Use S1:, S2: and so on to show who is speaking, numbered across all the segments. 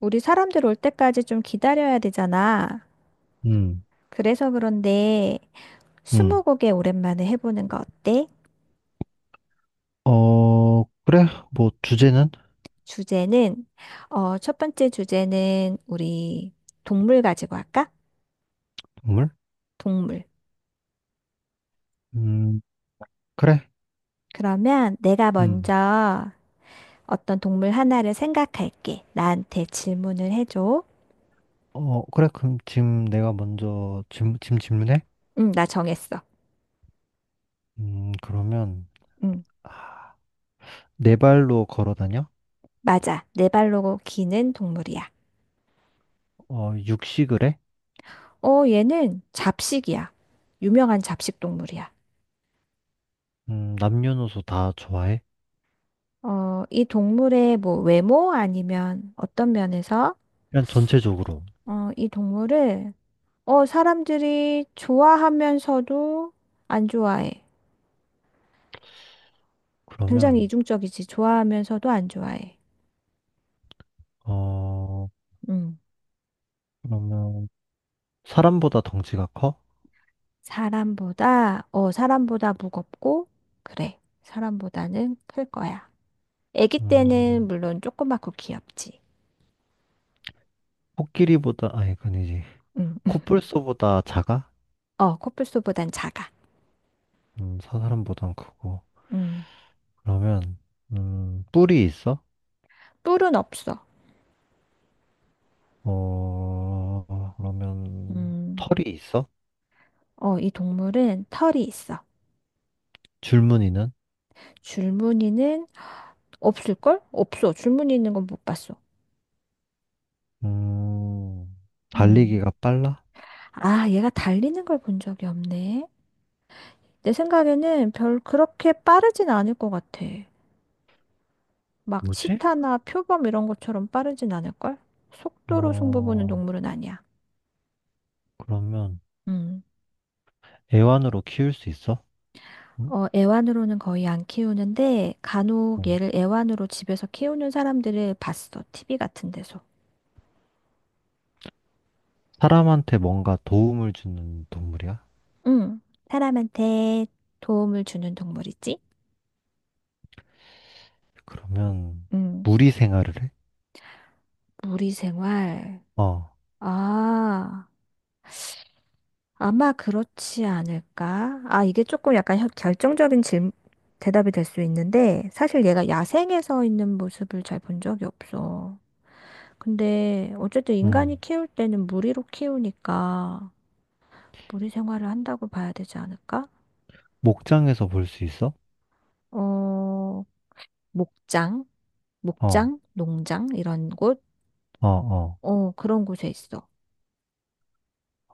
S1: 우리 사람들 올 때까지 좀 기다려야 되잖아.
S2: 음,
S1: 그래서 그런데
S2: 음.
S1: 스무고개 오랜만에 해보는 거 어때?
S2: 어, 그래. 뭐, 주제는?
S1: 주제는 첫 번째 주제는 우리 동물 가지고 할까?
S2: 동물?
S1: 동물.
S2: 음, 그래.
S1: 그러면 내가
S2: 음.
S1: 먼저 어떤 동물 하나를 생각할게. 나한테 질문을 해줘.
S2: 어, 그래. 그럼 지금 내가 먼저 지금 질문해?
S1: 응, 나 정했어.
S2: 그러면,
S1: 응,
S2: 아, 네 발로 걸어 다녀?
S1: 맞아. 네 발로 기는 동물이야.
S2: 어, 육식을 해?
S1: 어, 얘는 잡식이야. 유명한 잡식 동물이야.
S2: 남녀노소 다 좋아해?
S1: 어, 이 동물의 뭐 외모 아니면 어떤 면에서
S2: 그냥 전체적으로.
S1: 이 동물을 사람들이 좋아하면서도 안 좋아해. 굉장히
S2: 그러면,
S1: 이중적이지. 좋아하면서도 안 좋아해.
S2: 어,
S1: 음.
S2: 그러면, 사람보다 덩치가 커?
S1: 사람보다 사람보다 무겁고 그래. 사람보다는 클 거야. 아기 때는
S2: 음,
S1: 물론 조그맣고 귀엽지.
S2: 코끼리보다, 아니, 그건 이지
S1: 음. 음.
S2: 코뿔소보다 작아?
S1: 어, 코뿔소보단 작아.
S2: 사람보단 크고.
S1: 음.
S2: 그러면 뿔이 있어?
S1: 뿔은 없어.
S2: 어, 그러면
S1: 음.
S2: 털이 있어?
S1: 어, 이 동물은 털이 있어.
S2: 줄무늬는?
S1: 줄무늬는 없을걸? 없어. 줄무늬 있는 건 못 봤어.
S2: 음,
S1: 음.
S2: 달리기가 빨라?
S1: 아, 얘가 달리는 걸 본 적이 없네. 내 생각에는 별 그렇게 빠르진 않을 것 같아. 막
S2: 뭐지?
S1: 치타나 표범 이런 것처럼 빠르진 않을걸? 속도로 승부 보는
S2: 어,
S1: 동물은 아니야.
S2: 그러면
S1: 음.
S2: 애완으로 키울 수 있어? 응?
S1: 어, 애완으로는 거의 안 키우는데 간혹
S2: 어.
S1: 얘를 애완으로 집에서 키우는 사람들을 봤어. TV 같은 데서.
S2: 사람한테 뭔가 도움을 주는 동물이야?
S1: 음. 사람한테 도움을 주는 동물이지?
S2: 그러면
S1: 음.
S2: 무리 생활을 해?
S1: 무리 생활.
S2: 어,
S1: 아. 아마 그렇지 않을까? 아, 이게 조금 약간 결정적인 대답이 될 수 있는데, 사실 얘가 야생에서 있는 모습을 잘 본 적이 없어. 근데, 어쨌든
S2: 음,
S1: 인간이 키울 때는 무리로 키우니까, 무리 생활을 한다고 봐야 되지 않을까?
S2: 목장에서 볼 수 있어?
S1: 어, 목장,
S2: 어,
S1: 목장, 농장, 이런 곳?
S2: 어, 어,
S1: 어, 그런 곳에 있어.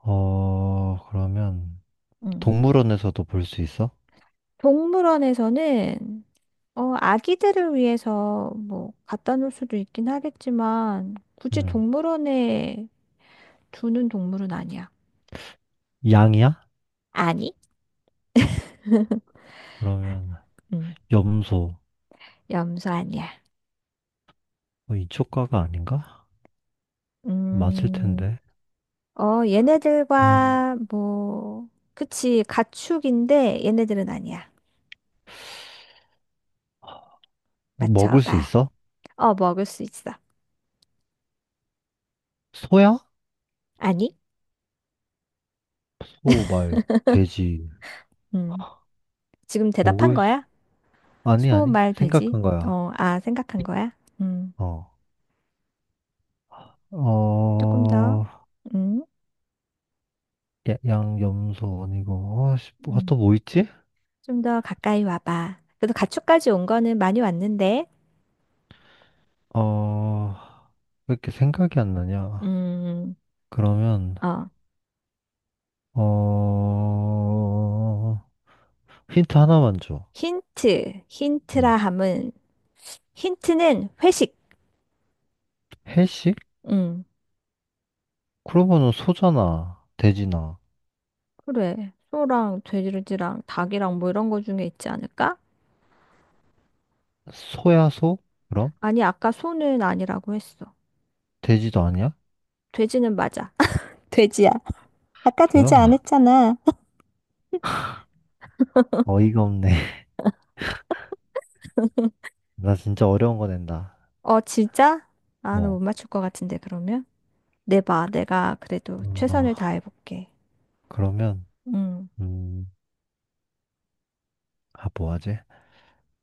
S2: 어, 그러면
S1: 응.
S2: 동물원에서도 볼 수 있어?
S1: 동물원에서는 어, 아기들을 위해서 뭐 갖다 놓을 수도 있긴 하겠지만 굳이
S2: 응,
S1: 동물원에 두는 동물은 아니야.
S2: 양이야?
S1: 아니?
S2: 그러면
S1: 음,
S2: 염소
S1: 염소 아니야.
S2: 어, 이쪽가가 아닌가? 맞을
S1: 음,
S2: 텐데.
S1: 어,
S2: 음.
S1: 얘네들과 뭐, 그치, 가축인데 얘네들은 아니야.
S2: 뭐 먹을 수
S1: 맞춰봐.
S2: 있어?
S1: 어, 먹을 수 있어.
S2: 소야?
S1: 아니?
S2: 소, 말, 돼지.
S1: 음, 지금 대답한
S2: 먹을 수...
S1: 거야?
S2: 아니,
S1: 소,
S2: 아니.
S1: 말, 돼지?
S2: 생각한 거야.
S1: 어, 아, 생각한 거야? 음,
S2: 어.
S1: 조금 더.
S2: 어,
S1: 음,
S2: 양, 염소 아니고. 아, 씨, 뭐, 아, 또
S1: 음.
S2: 뭐 있지?
S1: 좀 더 가까이 와봐. 그래도 가축까지 온 거는 많이 왔는데,
S2: 어, 왜 이렇게 생각이 안 나냐?
S1: 음,
S2: 그러면,
S1: 어,
S2: 어, 힌트 하나만 줘. 음.
S1: 힌트라 함은, 힌트는 회식.
S2: 해식?
S1: 음,
S2: 그러면은 소잖아. 돼지나.
S1: 그래. 소랑 돼지랑 닭이랑 뭐 이런 거 중에 있지 않을까?
S2: 소야소? 그럼?
S1: 아니, 아까 소는 아니라고 했어.
S2: 돼지도 아니야?
S1: 돼지는 맞아. 돼지야. 아까 돼지 안
S2: 뭐야?
S1: 했잖아.
S2: 어이가 없네. 나 진짜 어려운 거 낸다.
S1: 어, 진짜? 아, 나 못
S2: 어,
S1: 맞출 것 같은데, 그러면? 내봐. 내가 그래도 최선을
S2: 어,
S1: 다해볼게.
S2: 그러면,
S1: 음,
S2: 음, 아, 뭐 하지?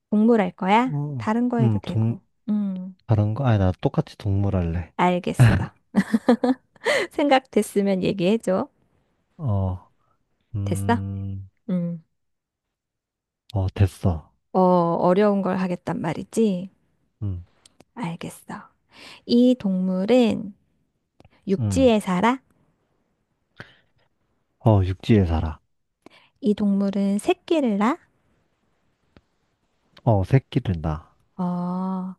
S1: 동물 할 거야?
S2: 어,
S1: 다른 거 해도
S2: 음, 동,
S1: 되고. 음.
S2: 다른 거? 아니, 나 똑같이 동물 할래.
S1: 알겠어. 생각됐으면 얘기해줘.
S2: 어,
S1: 됐어?
S2: 음,
S1: 음.
S2: 어, 됐어.
S1: 어, 어려운 걸 하겠단 말이지?
S2: 음,
S1: 알겠어. 이 동물은
S2: 음,
S1: 육지에 살아?
S2: 어, 육지에 살아.
S1: 이 동물은 새끼를 낳아?
S2: 어, 새끼를 낳아.
S1: 어,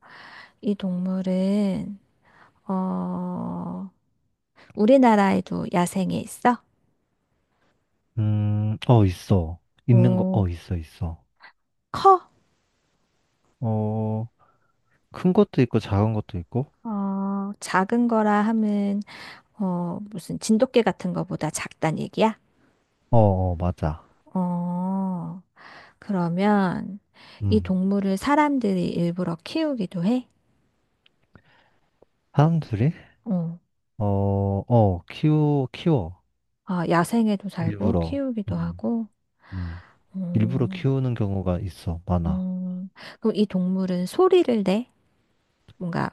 S1: 이 동물은, 어, 우리나라에도 야생에 있어?
S2: 어, 있어. 있는 거, 어,
S1: 오,
S2: 있어, 있어.
S1: 커?
S2: 어, 큰 것도 있고, 작은 것도 있고.
S1: 어, 작은 거라 하면, 어, 무슨 진돗개 같은 거보다 작단 얘기야?
S2: 어, 어, 맞아.
S1: 어, 그러면 이
S2: 음,
S1: 동물을 사람들이 일부러 키우기도 해?
S2: 사람들이?
S1: 어.
S2: 어, 어, 키워.
S1: 아, 야생에도 살고
S2: 일부러.
S1: 키우기도
S2: 음,
S1: 하고.
S2: 음. 일부러
S1: 음,
S2: 키우는 경우가 있어. 많아.
S1: 음. 그럼 이 동물은 소리를 내? 뭔가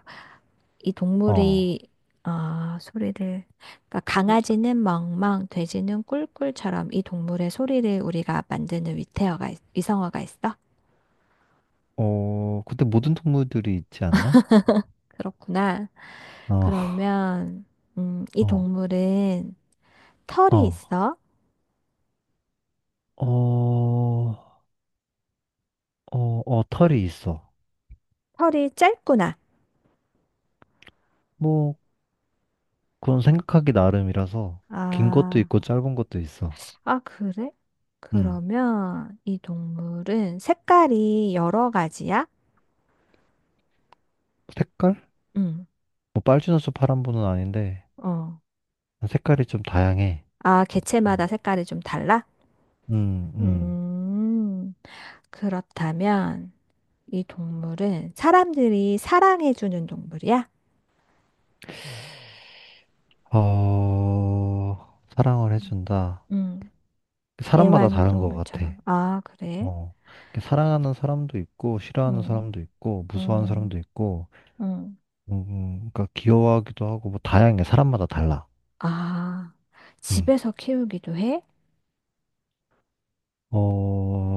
S1: 이
S2: 어,
S1: 동물이 아, 소리를 그러니까 강아지는 멍멍, 돼지는 꿀꿀처럼 이 동물의 소리를 우리가 만드는 위성어가 있어?
S2: 어, 근데 모든 동물들이 있지 않나?
S1: 그렇구나.
S2: 어,
S1: 그러면 이
S2: 어,
S1: 동물은 털이
S2: 어,
S1: 있어?
S2: 어, 어, 어, 털이 있어.
S1: 털이 짧구나.
S2: 뭐, 그건 생각하기 나름이라서, 긴 것도
S1: 아,
S2: 있고, 짧은 것도 있어.
S1: 아, 그래?
S2: 음,
S1: 그러면 이 동물은 색깔이 여러 가지야?
S2: 색깔?
S1: 응.
S2: 뭐, 빨주노초 파란보는 아닌데,
S1: 어.
S2: 색깔이 좀 다양해.
S1: 아,
S2: 음,
S1: 개체마다 색깔이 좀 달라?
S2: 음.
S1: 음, 그렇다면 이 동물은 사람들이 사랑해주는 동물이야?
S2: 어, 사랑을 해준다.
S1: 응.
S2: 사람마다 다른 것 같아.
S1: 애완동물처럼. 아, 그래?
S2: 어. 이렇게 사랑하는 사람도 있고, 싫어하는
S1: 응,
S2: 사람도 있고, 무서워하는
S1: 응,
S2: 사람도 있고,
S1: 응.
S2: 그러니까 귀여워하기도 하고, 뭐 다양해. 사람마다 달라.
S1: 아,
S2: 음.
S1: 집에서 키우기도 해?
S2: 어,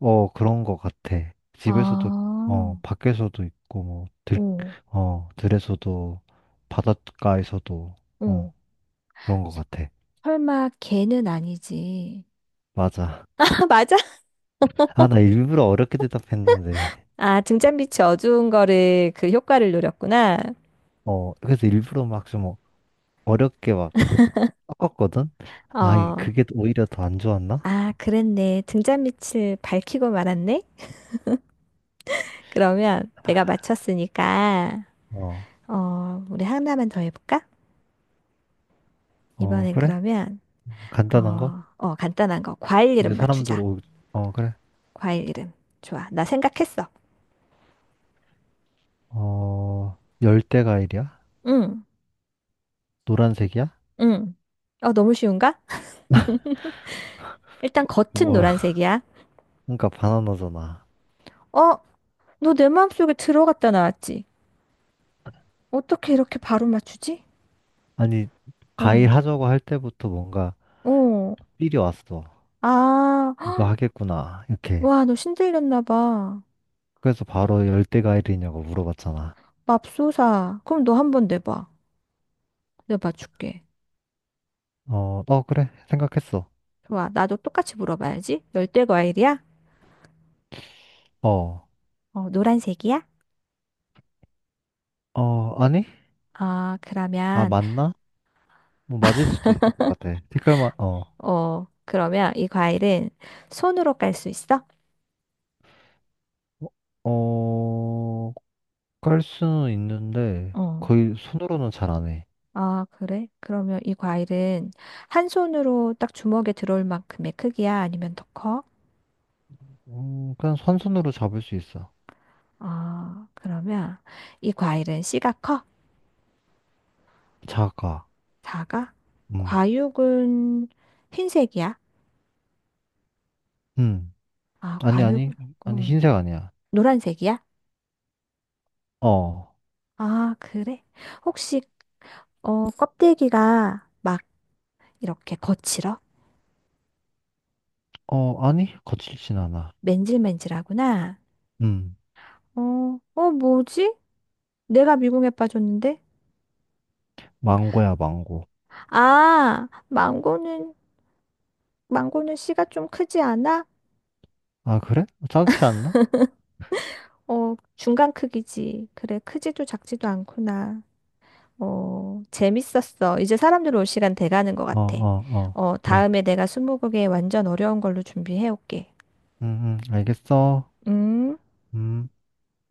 S2: 어, 그런 것 같아. 집에서도,
S1: 아,
S2: 어, 밖에서도 있고, 뭐,
S1: 오,
S2: 어, 들에서도, 바닷가에서도,
S1: 오.
S2: 어, 그런 것 같아.
S1: 설마 개는 아니지?
S2: 맞아.
S1: 맞아?
S2: 아, 나 일부러 어렵게 대답했는데,
S1: 아, 등잔빛이 어두운 거를 그 효과를 노렸구나.
S2: 어, 그래서 일부러 막 좀 어렵게 막 섞었거든? 아,
S1: 어,
S2: 그게 또 오히려 더 안 좋았나?
S1: 아, 그랬네. 등잔빛을 밝히고 말았네. 그러면 내가 맞췄으니까,
S2: 어,
S1: 어, 우리 하나만 더 해볼까?
S2: 어,
S1: 이번엔
S2: 그래?
S1: 그러면,
S2: 간단한 거?
S1: 간단한 거. 과일
S2: 이제
S1: 이름
S2: 사람들
S1: 맞추자.
S2: 오, 어, 그래.
S1: 과일 이름. 좋아. 나 생각했어.
S2: 어, 열대과일이야?
S1: 응,
S2: 노란색이야?
S1: 응. 어, 너무 쉬운가? 일단 겉은
S2: 뭐야?
S1: 노란색이야.
S2: 그러니까 바나나잖아.
S1: 어, 너 내 마음속에 들어갔다 나왔지? 어떻게 이렇게 바로 맞추지?
S2: 아니,
S1: 어,
S2: 과일 하자고 할 때부터 뭔가
S1: 어.
S2: 삘이 왔어.
S1: 아,
S2: 이거 하겠구나. 이렇게.
S1: 와, 너 신들렸나 봐.
S2: 그래서 바로 열대과일이냐고 물어봤잖아.
S1: 맙소사. 그럼 너 한번 내봐. 내가 맞출게.
S2: 어, 어, 그래. 생각했어.
S1: 좋아. 나도 똑같이 물어봐야지. 열대 과일이야?
S2: 어,
S1: 어, 노란색이야?
S2: 어, 아니?
S1: 아,
S2: 아,
S1: 그러면,
S2: 맞나? 뭐 맞을 수도 있을 것 같아. 색깔만, 어.
S1: 어, 그러면 이 과일은 손으로 깔 수 있어?
S2: 어, 깔 수는 있는데
S1: 어.
S2: 거의 손으로는 잘 안 해.
S1: 아, 그래? 그러면 이 과일은 한 손으로 딱 주먹에 들어올 만큼의 크기야? 아니면 더 커?
S2: 그냥 한 손으로 잡을 수 있어.
S1: 아, 그러면 이 과일은 씨가 커?
S2: 작아.
S1: 작아?
S2: 음,
S1: 과육은 흰색이야?
S2: 음.
S1: 아,
S2: 아니,
S1: 과육.
S2: 아니, 아니,
S1: 음.
S2: 흰색 아니야.
S1: 노란색이야?
S2: 어,
S1: 아, 그래? 혹시, 어, 껍데기가 막 이렇게 거칠어?
S2: 어, 아니, 거칠진 않아.
S1: 맨질맨질하구나.
S2: 음,
S1: 어, 어, 뭐지? 내가 미궁에 빠졌는데?
S2: 망고야, 망고.
S1: 아, 망고는, 망고는 씨가 좀 크지 않아?
S2: 아, 그래? 작지 않나?
S1: 어, 중간 크기지. 그래, 크지도 작지도 않구나. 어, 재밌었어. 이제 사람들 올 시간 돼가는 것
S2: 어,
S1: 같아.
S2: 어, 어,
S1: 어,
S2: 그래.
S1: 다음에 내가 스무고개 완전 어려운 걸로 준비해 올게.
S2: 알겠어.
S1: 음.
S2: 음.